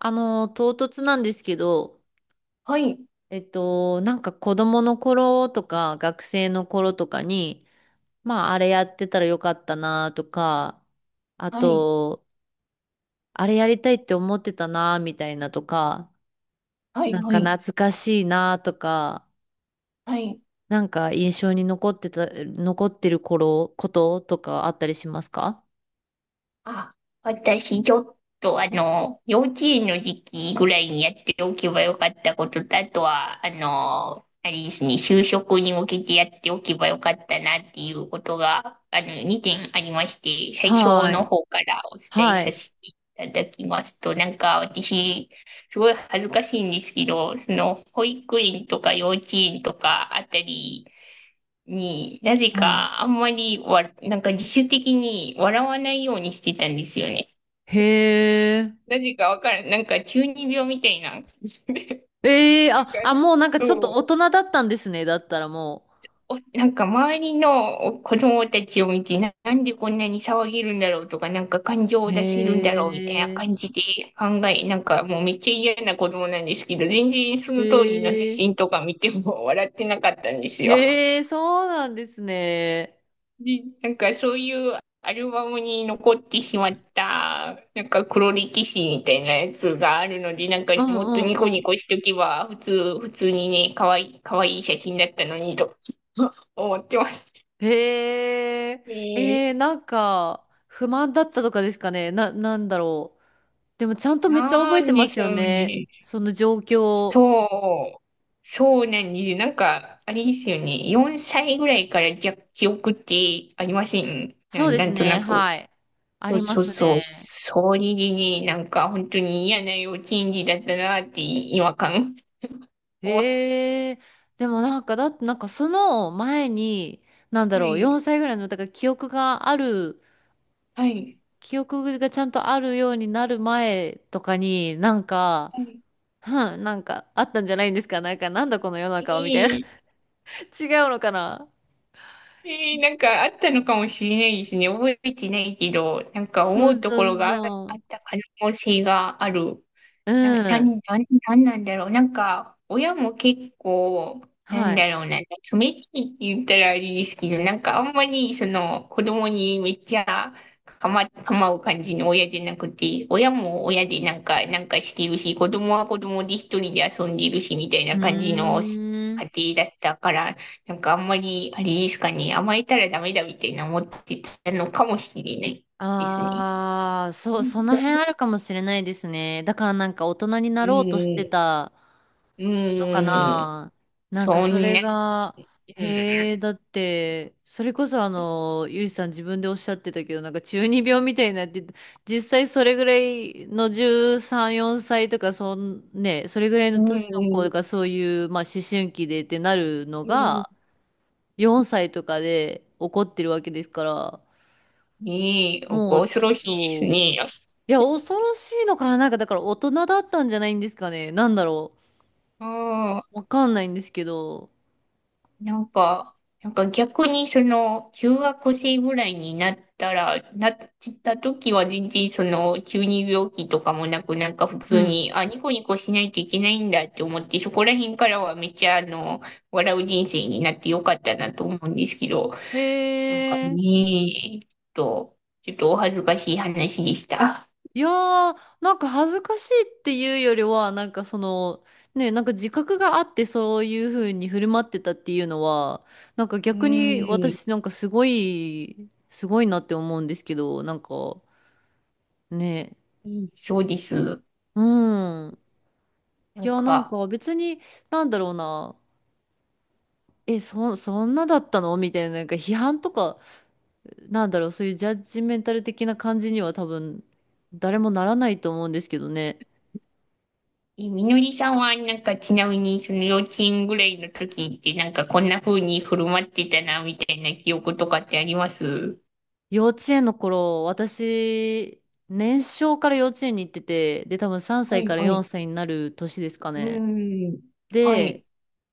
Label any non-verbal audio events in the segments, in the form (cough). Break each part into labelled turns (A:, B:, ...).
A: 唐突なんですけど、
B: はい、
A: なんか子供の頃とか学生の頃とかに、まあ、あれやってたらよかったなとか、あ
B: はい、
A: と、あれやりたいって思ってたなみたいなとか、
B: はい、
A: なん
B: は
A: か
B: い、
A: 懐かしいなとか、
B: はい。
A: なんか印象に残ってることとかあったりしますか？
B: あ、私、ちょっと、幼稚園の時期ぐらいにやっておけばよかったことと、あとは、あれですね、就職に向けてやっておけばよかったなっていうことが、2点ありまして、最初
A: は
B: の
A: い。
B: 方からお伝え
A: は
B: さ
A: い。
B: せていただきますと、なんか、私、すごい恥ずかしいんですけど、その保育園とか幼稚園とかあたりになぜ
A: はい。
B: かあんまりなんか自主的に笑わないようにしてたんですよね。
A: へえ。
B: なぜかわからん、なんか中二病みたいな感じで、
A: ええ
B: (laughs) なん
A: あ、
B: か
A: あ、もうなんかちょっ
B: そ
A: と
B: う、
A: 大人だったんですね。だったらもう。
B: おなんか周りの子供たちを見て、なんでこんなに騒げるんだろうとか、なんか感情を出せるんだろうみたいな
A: へえ、
B: 感じで考え、なんかもうめっちゃ嫌な子供なんですけど、全然その当時の写
A: へえ、
B: 真とか見ても (laughs) 笑ってなかったんですよ。
A: へえ、そうなんですね。
B: で、なんかそういうアルバムに残ってしまった、なんか黒歴史みたいなやつがあるので、なんか
A: う
B: も
A: ん
B: っ
A: う
B: とニコ
A: んう
B: ニ
A: ん。
B: コしとけば、普通にね、かわいい写真だったのにと (laughs) 思ってます。
A: へえ、
B: え
A: なんか、不満だったとかですかね。なんだろう。でも、ちゃんとめっちゃ
B: な
A: 覚えて
B: ん
A: ま
B: で
A: す
B: し
A: よ
B: ょう
A: ね。
B: ね。
A: その状況。
B: そう。そうなんです。なんか、あれですよね。4歳ぐらいからじゃ記憶ってありませんな、
A: そうで
B: な
A: す
B: んと
A: ね、
B: なく。
A: はい。あ
B: そう
A: りま
B: そう
A: す
B: そう。
A: ね。
B: それでね、なんか本当に嫌な幼稚園児だったなって違和感を。
A: へえ、でもなんか、だってなんかその前に、なんだ
B: は
A: ろう、
B: い。
A: 4歳ぐらいの、だから
B: はい。
A: 記憶がちゃんとあるようになる前とかになんか、
B: はい。
A: うん、なんかあったんじゃないんですかなんかなんだこの世の中はみたいな。 (laughs)
B: ええ
A: 違うのかな。
B: ええなんかあったのかもしれないですね。覚えてないけど、なんか
A: そ
B: 思う
A: う
B: と
A: そ
B: こ
A: う
B: ろがあっ
A: そう。
B: た可能性がある。
A: う
B: な、な、な、
A: ん。
B: なんなんだろう。なんか、親も結構、なん
A: はい。
B: だろうな、冷たいって言ったらあれですけど、なんかあんまり、その、子供にめっちゃ構う感じの親じゃなくて、親も親でなんか、なんかしてるし、子供は子供で一人で遊んでるし、みたい
A: う
B: な感じの
A: ーん。
B: 家庭だったから、なんかあんまり、あれですかね、甘えたらダメだみたいな思ってたのかもしれないですね。
A: ああ、そ
B: う
A: う、
B: ん。
A: その辺あるかもしれないですね。だからなんか大人に
B: う
A: なろうとして
B: ん。
A: たのか
B: うん。
A: な。なんか
B: そ
A: そ
B: ん
A: れ
B: な、
A: が、
B: う
A: へえ、
B: ん、
A: だって、それこそ、ゆいさん自分でおっしゃってたけど、なんか中二病みたいになって実際それぐらいの13、4歳とか、ね、それぐらいの
B: う
A: 年の子
B: ん、
A: がそういう、まあ思春期でってなるの
B: うん、
A: が、4歳とかで起こってるわけですから、
B: いい、
A: もう
B: 恐
A: ちょ
B: ろ
A: っ
B: しいです
A: と、
B: ね。
A: いや、恐ろしいのかな。なんかだから大人だったんじゃないんですかね。なんだろ
B: ああ
A: う。わかんないんですけど。
B: なんか、なんか逆にその、中学生ぐらいになったら、なった時は全然その、急に病気とかもなく、なんか普
A: う
B: 通
A: ん、
B: に、あ、ニコニコしないといけないんだって思って、そこら辺からはめっちゃあの、笑う人生になってよかったなと思うんですけど、
A: へ
B: なんか
A: え。
B: ねえ、ちょっとお恥ずかしい話でした。
A: いやー、なんか恥ずかしいっていうよりは、なんかその、ね、なんか自覚があってそういう風に振る舞ってたっていうのは、なんか
B: う
A: 逆に
B: ーん、
A: 私なんかすごい、すごいなって思うんですけど、なんかね、
B: うんそうです。
A: うん。
B: な
A: い
B: ん
A: や、なん
B: か、
A: か別に、なんだろうな、え、そんなだったのみたいな、なんか批判とか、なんだろう、そういうジャッジメンタル的な感じには多分、誰もならないと思うんですけどね。
B: え、みのりさんは、なんか、ちなみに、その幼稚園ぐらいの時って、なんか、こんな風に振る舞ってたな、みたいな記憶とかってあります
A: 幼稚園の頃、私、年少から幼稚園に行ってて、で、多分3
B: は
A: 歳
B: い、
A: から
B: はい。
A: 4歳になる年ですか
B: う
A: ね。
B: ーん。は
A: で、
B: い。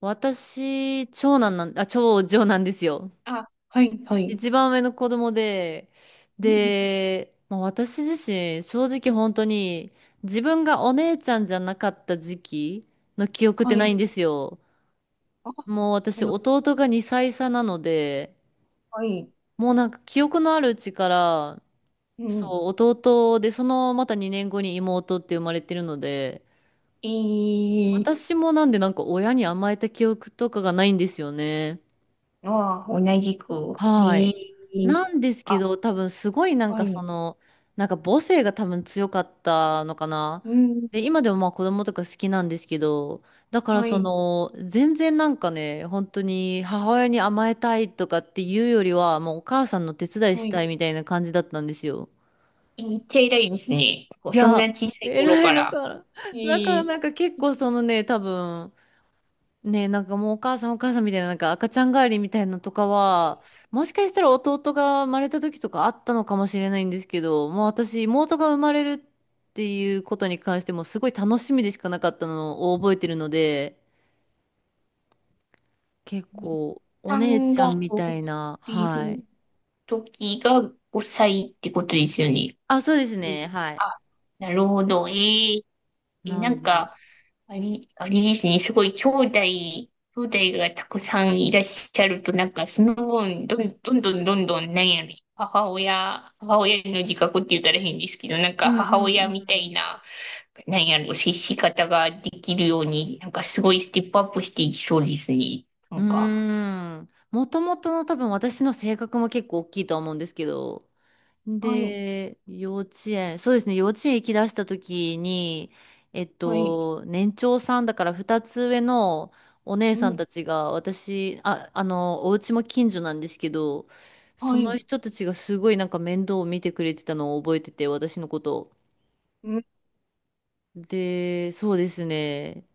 A: 私、長女なんですよ。
B: あ、はい、はい。
A: 一番上の子供で、
B: うん、
A: で、まあ、私自身、正直本当に、自分がお姉ちゃんじゃなかった時期の記憶って
B: は
A: ない
B: い。
A: んですよ。
B: あ、
A: もう私、
B: なる
A: 弟が2歳差なので、
B: ほどはい。
A: もうなんか記憶のあるうちから、
B: う
A: そ
B: ん。
A: う、弟で、そのまた2年後に妹って生まれてるので、
B: えー、
A: 私もなんでなんか親に甘えた記憶とかがないんですよね。
B: あ、同じく。え
A: はい。
B: ー、
A: なんですけ
B: あ、
A: ど、多分すごいなん
B: は
A: かそ
B: い。
A: の、なんか母性が多分強かったのかな。
B: うん、
A: で、今でもまあ子供とか好きなんですけど、だから
B: は
A: そ
B: い、
A: の、全然なんかね、本当に母親に甘えたいとかっていうよりは、もうお母さんの手伝いし
B: は
A: た
B: い。
A: いみたいな感じだったんですよ。
B: えめっちゃ偉いですね。こう
A: い
B: そんな
A: や、
B: 小さい頃
A: 偉い
B: か
A: の
B: ら。
A: かな。
B: え
A: だから
B: ー、
A: なんか結構そのね、多分、ね、なんかもうお母さんお母さんみたいな、なんか赤ちゃん帰りみたいなのとかは、もしかしたら弟が生まれた時とかあったのかもしれないんですけど、もう私、妹が生まれるっていうことに関してもすごい楽しみでしかなかったのを覚えてるので、結構お
B: さ
A: 姉
B: ん
A: ちゃん
B: が
A: み
B: お
A: たいな、
B: い
A: はい。
B: る時が5歳ってことですよね。
A: あ、そうです
B: そう
A: ね、はい。
B: あ、なるほど。えー、え、
A: な
B: な
A: ん
B: ん
A: で。
B: か、あれですね。すごい兄弟がたくさんいらっしゃると、なんかその分、どんどん、なんやろね、母親の自覚って言ったら変ですけど、なん
A: う
B: か
A: んうんう
B: 母親
A: ん
B: み
A: う
B: たい
A: ん。
B: な、なんやろ、接し方ができるように、なんかすごいステップアップしていきそうですね。な
A: うー
B: んか。
A: ん。もともとの多分私の性格も結構大きいとは思うんですけど。
B: はい、
A: で、幼稚園、そうですね、幼稚園行き出した時に、
B: はい、
A: 年長さんだから2つ上のお姉
B: う
A: さん
B: ん。
A: たちが私、お家も近所なんですけど、そ
B: は
A: の
B: い、
A: 人たちがすごいなんか面倒を見てくれてたのを覚えてて、私のことを。
B: うん。
A: で、そうですね。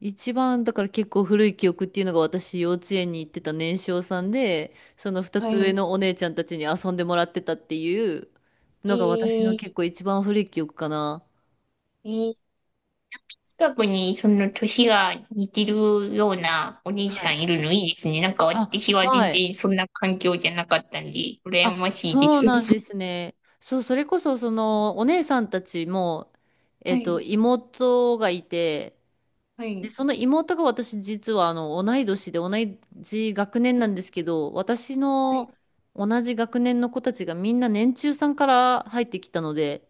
A: 一番だから結構古い記憶っていうのが私幼稚園に行ってた年少さんでその二
B: は
A: つ上
B: い。
A: のお姉ちゃんたちに遊んでもらってたっていう
B: え
A: のが私の結
B: ー、
A: 構一番古い記憶かな。
B: えー、近くにその年が似てるようなお兄
A: は
B: さ
A: い。
B: んいるのいいですね。なんか
A: あ、
B: 私は全
A: はい。
B: 然そんな環境じゃなかったんで、羨
A: あ、
B: ましいで
A: そう
B: す。
A: なんで
B: (laughs)
A: すね。そう、それこそそのお姉さんたちも、
B: はい、
A: 妹がいて、
B: は
A: で、
B: い、
A: その妹が私実は同い年で同じ学年なんですけど、私
B: はい。
A: の同じ学年の子たちがみんな年中さんから入ってきたので、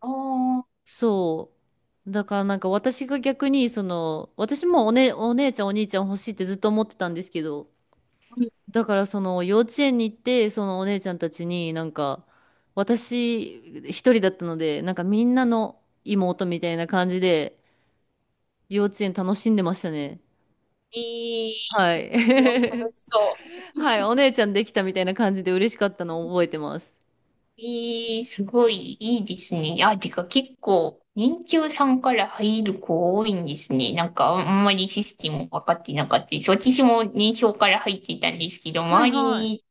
B: ああ、
A: そう。だからなんか私が逆にその、私もね、お姉ちゃんお兄ちゃん欲しいってずっと思ってたんですけど、だからその幼稚園に行ってそのお姉ちゃんたちになんか私一人だったので、なんかみんなの妹みたいな感じで幼稚園楽しんでましたね。
B: え
A: は
B: ー、
A: い。
B: それは楽
A: (laughs)
B: しそう。
A: はい、お姉ちゃんできたみたいな感じで嬉しかったのを覚えてます。
B: ええ、すごいいいですね。あ、てか結構、年中さんから入る子多いんですね。なんかあんまりシステム分かってなかったです。私も年少から入っていたんですけど、
A: はい
B: 周り
A: はい。
B: に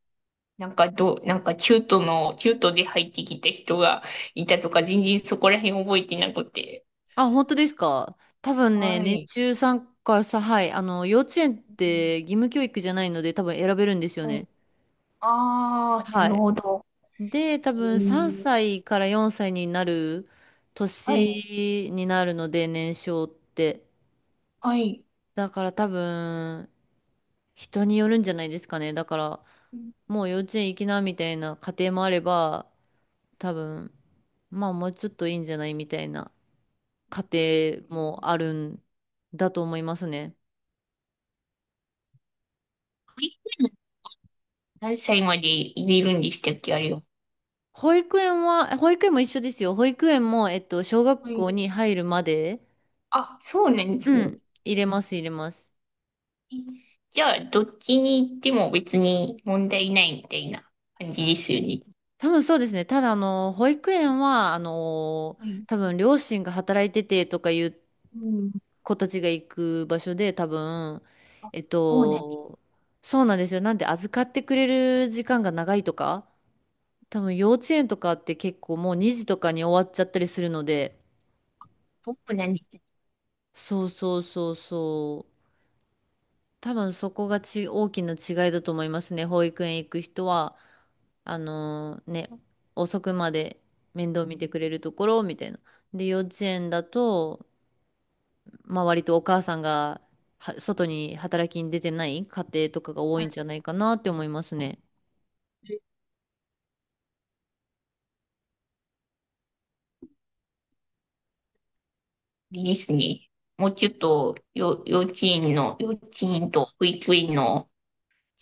B: なんかどう、なんか中途で入ってきた人がいたとか、全然そこら辺覚えてなくて。
A: あ、本当ですか？多分ね、
B: は
A: 年
B: い。
A: 中さんからさ、はい、幼稚園っ
B: うん
A: て義務教育じゃないので多分選べるんですよ
B: はい。
A: ね。
B: ああ、な
A: は
B: る
A: い。
B: ほど。
A: で、多
B: え
A: 分3
B: ー
A: 歳から4歳になる
B: はい、
A: 年になるので、年少って。
B: はい。
A: だから多分、人によるんじゃないですかね。だから、もう幼稚園行きなみたいな家庭もあれば、多分、まあもうちょっといいんじゃないみたいな。家庭もあるんだと思いますね。
B: 何歳まで入れるんでしたっけ、あれは。
A: 保育園も一緒ですよ。保育園も、小
B: は
A: 学校
B: い
A: に入るまで、
B: あ、そうなんで
A: う
B: すね。
A: ん、入れます、入れます。
B: じゃあ、どっちに行っても別に問題ないみたいな感じですよね。
A: 多分そうですね。ただ、保育園は、
B: はい。
A: 多分両親が働いててとかいう
B: うん。
A: 子たちが行く場所で、多分、
B: あ、
A: えっ
B: そうなんです。
A: と、そうなんですよ。なんで預かってくれる時間が長いとか、多分幼稚園とかって結構もう2時とかに終わっちゃったりするので、
B: そうなんですね。
A: そうそうそうそう。多分そこが大きな違いだと思いますね。保育園行く人は、あのーね、遅くまで面倒見てくれるところみたいな。で、幼稚園だと、まあ割とお母さんは外に働きに出てない家庭とかが多いんじゃないかなって思いますね。
B: いいですね。もうちょっと、よ、幼稚園の、幼稚園と保育園の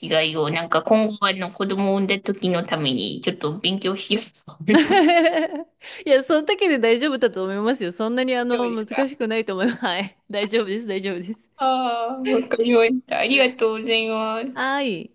B: 違いを、なんか今後、あの、子供を産んだ時のために、ちょっと勉強しようと思います。
A: (laughs) いや、そんだけで大丈夫だと思いますよ。そんなに
B: (laughs) 大丈夫で
A: 難
B: すか
A: しくないと思います。はい。大丈夫です、大丈夫です。
B: ああー、わかりました。ありがとうございます。
A: はい。